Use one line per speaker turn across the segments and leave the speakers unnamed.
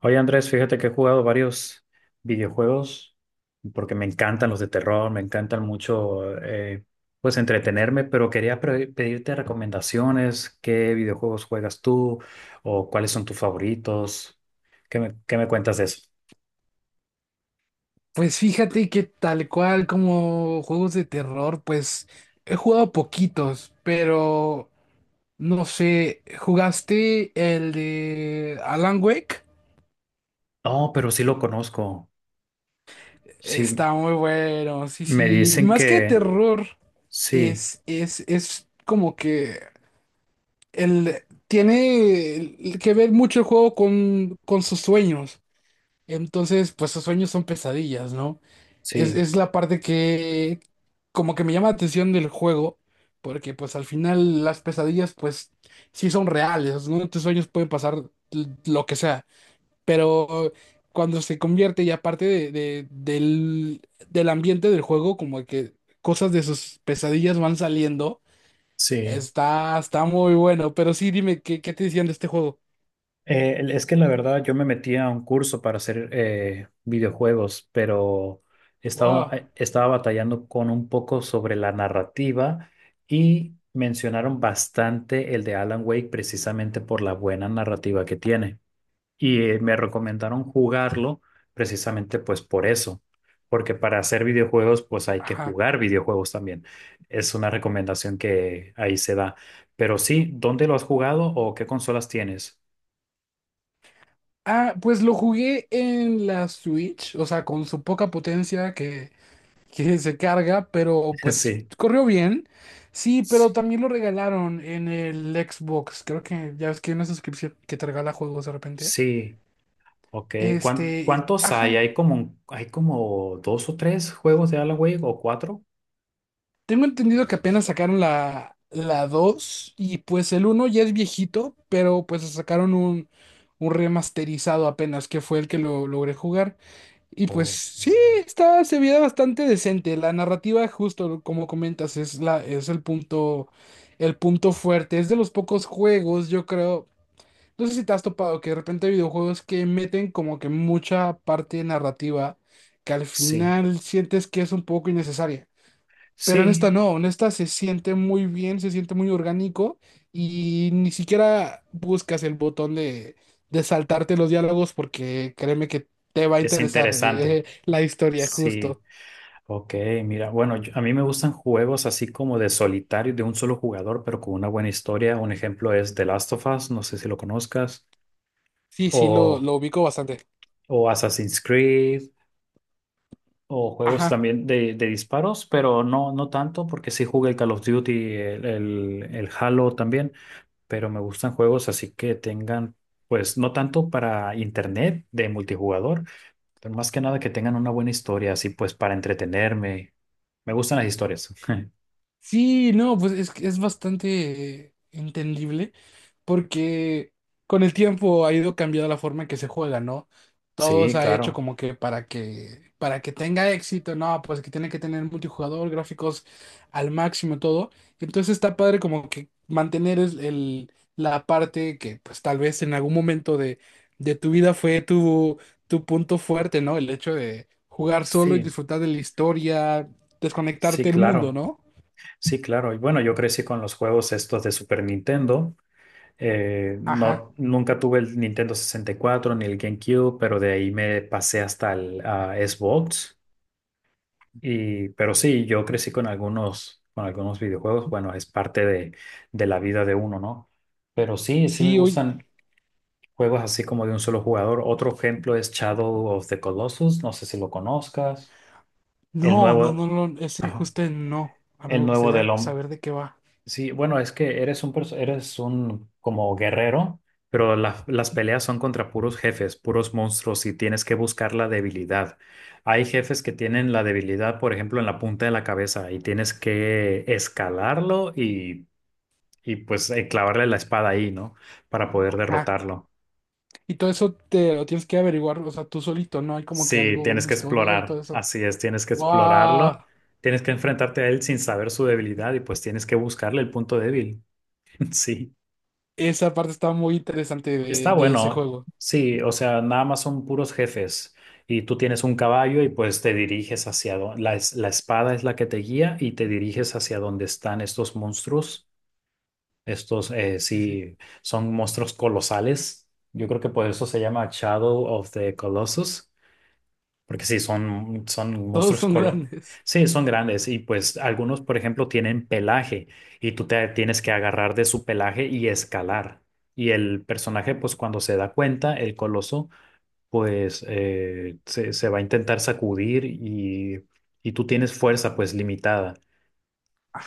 Oye Andrés, fíjate que he jugado varios videojuegos porque me encantan los de terror, me encantan mucho, pues entretenerme, pero quería pedirte recomendaciones, qué videojuegos juegas tú o cuáles son tus favoritos. ¿ Qué me cuentas de eso?
Pues fíjate que tal cual como juegos de terror, pues he jugado poquitos, pero no sé, ¿jugaste el de Alan Wake?
No, pero sí lo conozco. Sí,
Está muy bueno, sí,
me
sí.
dicen
Más que
que
terror,
sí,
es como que tiene que ver mucho el juego con sus sueños. Entonces, pues sus sueños son pesadillas, ¿no?
sí,
Es la parte que como que me llama la atención del juego, porque pues al final las pesadillas pues sí son reales, ¿no? Tus sueños pueden pasar lo que sea, pero cuando se convierte y aparte del ambiente del juego, como que cosas de sus pesadillas van saliendo,
sí.
está muy bueno, pero sí dime, ¿qué, qué te decían de este juego?
Es que la verdad yo me metí a un curso para hacer videojuegos, pero estaba,
Wow.
estaba batallando con un poco sobre la narrativa y mencionaron bastante el de Alan Wake precisamente por la buena narrativa que tiene. Y me recomendaron jugarlo precisamente pues por eso, porque para hacer videojuegos pues hay que jugar videojuegos también. Es una recomendación que ahí se da. Pero sí, ¿dónde lo has jugado o qué consolas tienes?
Ah, pues lo jugué en la Switch, o sea, con su poca potencia que se carga, pero pues
Sí.
corrió bien. Sí, pero
Sí,
también lo regalaron en el Xbox. Creo que ya ves que hay una suscripción que te regala juegos de repente.
sí, ok.
Este,
¿Cuántos hay?
ajá.
¿Hay como, hay como dos o tres juegos de Alan Wake o cuatro?
Tengo entendido que apenas sacaron la 2 y pues el uno ya es viejito, pero pues sacaron un remasterizado apenas, que fue el que lo logré jugar. Y pues
O
sí, está, se veía bastante decente. La narrativa, justo como comentas, es el punto fuerte. Es de los pocos juegos, yo creo. No sé si te has topado que de repente hay videojuegos que meten como que mucha parte narrativa que al
sí,
final sientes que es un poco innecesaria. Pero en esta
sí,
no, en esta se siente muy bien, se siente muy orgánico y ni siquiera buscas el botón de saltarte los diálogos porque créeme que te va a
es
interesar
interesante.
la historia
Sí,
justo.
ok, mira, bueno, a mí me gustan juegos así como de solitario, de un solo jugador, pero con una buena historia. Un ejemplo es The Last of Us, no sé si lo conozcas,
Sí, sí,
o,
lo ubico bastante.
o Assassin's Creed, o juegos
Ajá.
también de disparos, pero no, no tanto, porque sí jugué el Call of Duty, el, el Halo también. Pero me gustan juegos así que tengan, pues no tanto para internet de multijugador, pero más que nada que tengan una buena historia, así pues para entretenerme. Me gustan las historias.
Sí, no, pues es, que es bastante entendible porque con el tiempo ha ido cambiando la forma en que se juega, ¿no? Todo
Sí,
se ha hecho
claro.
como que para que tenga éxito, no, pues que tiene que tener multijugador, gráficos al máximo, todo. Entonces está padre como que mantener la parte que pues tal vez en algún momento de tu vida fue tu punto fuerte, ¿no? El hecho de jugar solo y
Sí,
disfrutar de la historia,
sí,
desconectarte del mundo,
claro.
¿no?
Sí, claro. Y bueno, yo crecí con los juegos estos de Super Nintendo.
Ajá.
No, nunca tuve el Nintendo 64 ni el GameCube, pero de ahí me pasé hasta el Xbox. Y, pero sí, yo crecí con algunos videojuegos. Bueno, es parte de la vida de uno, ¿no? Pero sí, sí me
Sí, oye.
gustan juegos así como de un solo jugador. Otro ejemplo es Shadow of the Colossus. No sé si lo conozcas. El
No, no,
nuevo,
no, no. Ese
ajá,
justo no. A mí
el
me
nuevo del
gustaría
hombre.
saber de qué va.
Sí, bueno, es que eres un como guerrero, pero las peleas son contra puros jefes, puros monstruos y tienes que buscar la debilidad. Hay jefes que tienen la debilidad, por ejemplo, en la punta de la cabeza y tienes que escalarlo y pues clavarle la espada ahí, ¿no? Para poder
Ah,
derrotarlo.
y todo eso te lo tienes que averiguar, o sea, tú solito, ¿no? Hay como que
Sí,
algo,
tienes
una
que
historia y todo
explorar,
eso.
así es, tienes que
¡Wow!
explorarlo, tienes que enfrentarte a él sin saber su debilidad y pues tienes que buscarle el punto débil. Sí.
Esa parte está muy interesante
Está
de ese
bueno,
juego.
sí, o sea, nada más son puros jefes y tú tienes un caballo y pues te diriges hacia donde, la, la espada es la que te guía y te diriges hacia donde están estos monstruos, estos
Sí, sí.
sí, son monstruos colosales, yo creo que por eso se llama Shadow of the Colossus. Porque sí, son, son
Todos
monstruos
son
colón.
grandes.
Sí, son grandes y pues algunos, por ejemplo, tienen pelaje y tú te tienes que agarrar de su pelaje y escalar. Y el personaje, pues cuando se da cuenta, el coloso, pues se, se va a intentar sacudir y tú tienes fuerza pues limitada.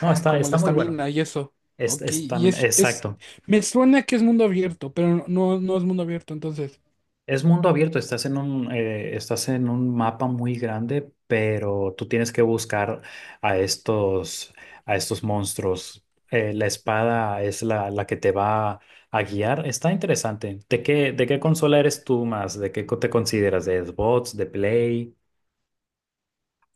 No, está,
como la
está muy bueno.
estamina y eso. Ok,
Es también,
es.
exacto.
Me suena que es mundo abierto, pero no, no es mundo abierto, entonces.
Es mundo abierto, estás en un mapa muy grande, pero tú tienes que buscar a estos, a estos monstruos. La espada es la, la que te va a guiar. Está interesante. De qué consola eres tú más? ¿ Te consideras ¿de Xbox, de Play,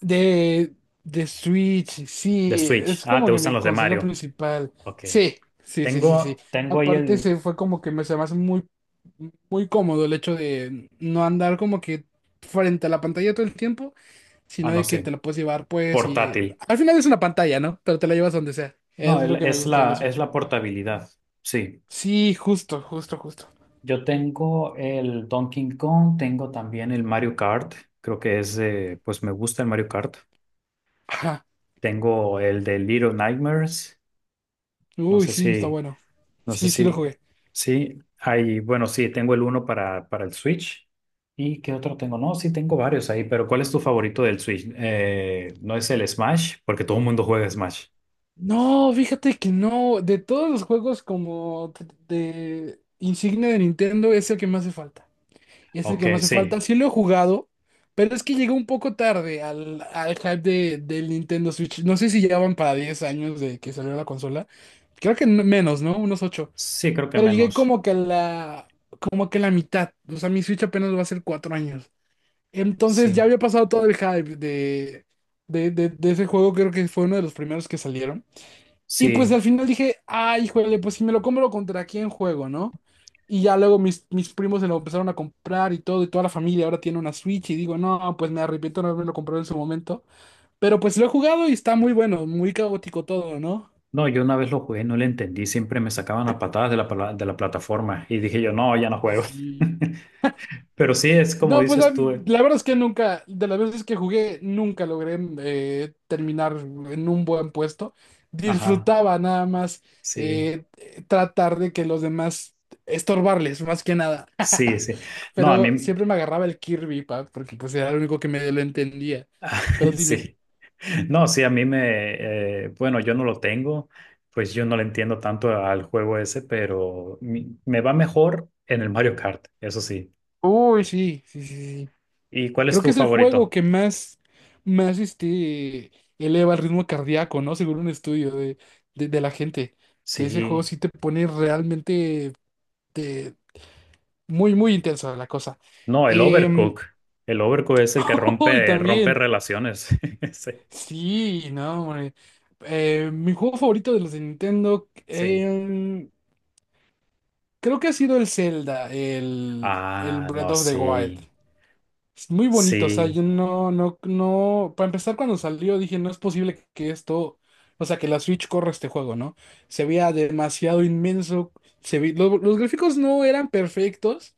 De, de Switch,
de
sí,
Switch?
es
Ah,
como
te
que
gustan
mi
los de
consola
Mario.
principal.
Ok.
Sí, sí, sí, sí, sí.
Tengo, tengo ahí
Aparte,
el,
se fue como que me se me hace muy, muy cómodo el hecho de no andar como que frente a la pantalla todo el tiempo,
ah,
sino
no
de que te
sé,
la puedes llevar, pues, y
portátil.
al final es una pantalla, ¿no? Pero te la llevas donde sea.
No,
Es
el-
lo que me gustó de la
es
Switch.
la portabilidad. Sí.
Sí, justo, justo, justo.
Yo tengo el Donkey Kong, tengo también el Mario Kart, creo que es, pues me gusta el Mario Kart.
Ajá.
Tengo el de Little Nightmares, no
Uy,
sé
sí, está
si,
bueno.
no sé
Sí, sí lo
si,
jugué.
sí, hay, bueno, sí, tengo el uno para el Switch. ¿Y qué otro tengo? No, sí, tengo varios ahí, pero ¿cuál es tu favorito del Switch? ¿No es el Smash? Porque todo el mundo juega Smash.
No, fíjate que no. De todos los juegos como de insignia de Nintendo, es el que me hace falta. Es el
Ok,
que me hace
sí,
falta. Sí lo he jugado, pero es que llegó un poco tarde al hype del Nintendo Switch. No sé si ya van para 10 años de que salió la consola. Creo que menos, ¿no? Unos 8.
sí, creo que
Pero llegué
menos,
como que a como que a la mitad. O sea, mi Switch apenas va a ser 4 años. Entonces ya
sí,
había pasado todo el hype de ese juego. Creo que fue uno de los primeros que salieron. Y pues
sí.
al final dije, ay, híjole, pues si me lo compro, ¿contra quién juego, no? Y ya luego mis primos se lo empezaron a comprar y todo, y toda la familia ahora tiene una Switch. Y digo, no, pues me arrepiento de no haberme lo comprado en su momento. Pero pues lo he jugado y está muy bueno, muy caótico todo, ¿no?
No, yo una vez lo jugué, no le entendí, siempre me sacaban a patadas de la, de la plataforma y dije yo, no, ya no
Sí,
juego.
sí.
Pero sí, es como
No, pues
dices tú.
la verdad es que nunca, de las veces que jugué, nunca logré terminar en un buen puesto.
Ajá,
Disfrutaba nada más
sí,
eh, tratar de que los demás estorbarles, más que nada.
sí, sí. No, a
Pero
mí,
siempre me agarraba el Kirby, pa, porque pues era lo único que medio lo entendía. Pero dime.
sí. No, sí, a mí me, bueno, yo no lo tengo, pues yo no le entiendo tanto al juego ese, pero me va mejor en el Mario Kart, eso sí.
Uy, sí, sí, sí.
¿Y cuál es
Creo que
tu
es el juego
favorito?
que más, más este, eleva el ritmo cardíaco, ¿no? Según un estudio de la gente, que ese juego
Sí.
sí te pone realmente te- muy, muy intensa la cosa.
No, el
Em,
Overcook. El Overcook es el que
y
rompe, rompe
también,
relaciones. Sí.
sí, no, hombre. Mi juego favorito de los de Nintendo,
Sí.
creo que ha sido el Zelda, el
Ah, no,
Breath of the
sí,
Wild. Es muy bonito, o sea,
sí,
yo no, no, no, para empezar cuando salió dije, no es posible que esto, o sea, que la Switch corra este juego, ¿no? Se veía demasiado inmenso, los gráficos no eran perfectos,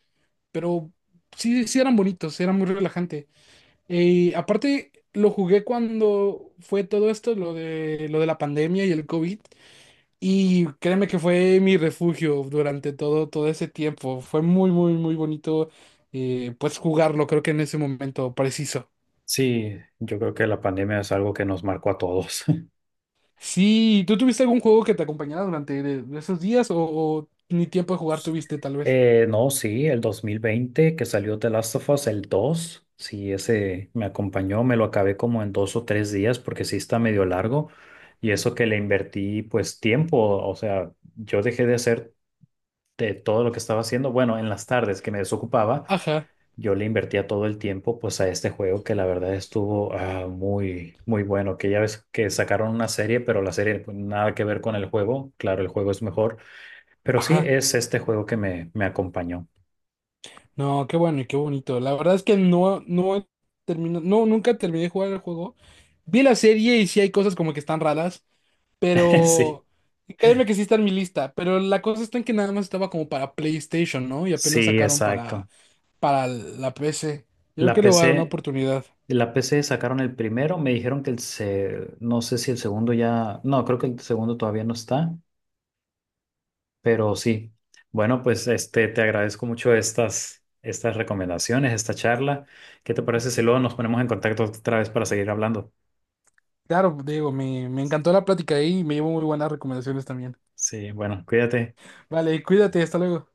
pero sí, sí eran bonitos, era muy relajante. Y aparte lo jugué cuando fue todo esto, lo de la pandemia y el COVID, y créeme que fue mi refugio durante todo, todo ese tiempo. Fue muy, muy, muy bonito, pues jugarlo, creo que en ese momento preciso.
sí. Yo creo que la pandemia es algo que nos marcó a todos.
Sí, ¿tú tuviste algún juego que te acompañara durante de esos días o ni tiempo de jugar tuviste tal vez?
No, sí, el 2020 que salió The Last of Us, el 2, sí, ese me acompañó, me lo acabé como en dos o tres días porque sí está medio largo y eso que le invertí pues tiempo, o sea, yo dejé de hacer de todo lo que estaba haciendo, bueno, en las tardes que me desocupaba.
Ajá,
Yo le invertía todo el tiempo pues a este juego que la verdad estuvo muy muy bueno, que ya ves que sacaron una serie, pero la serie pues, nada que ver con el juego, claro, el juego es mejor, pero sí
ajá.
es este juego que me acompañó.
No, qué bueno y qué bonito. La verdad es que no, no termino, no, nunca terminé de jugar el juego. Vi la serie y sí hay cosas como que están raras.
Sí,
Pero créeme que sí está en mi lista, pero la cosa está en que nada más estaba como para PlayStation, ¿no? Y apenas
sí,
sacaron
exacto.
para la PC. Yo creo
La
que le voy a dar una
PC,
oportunidad.
la PC sacaron el primero, me dijeron que el se, no sé si el segundo ya, no, creo que el segundo todavía no está. Pero sí, bueno, pues este, te agradezco mucho estas, estas recomendaciones, esta charla. ¿Qué te parece si luego nos ponemos en contacto otra vez para seguir hablando?
Claro, Diego, me encantó la plática ahí y me llevo muy buenas recomendaciones también.
Sí, bueno, cuídate.
Vale, cuídate, hasta luego.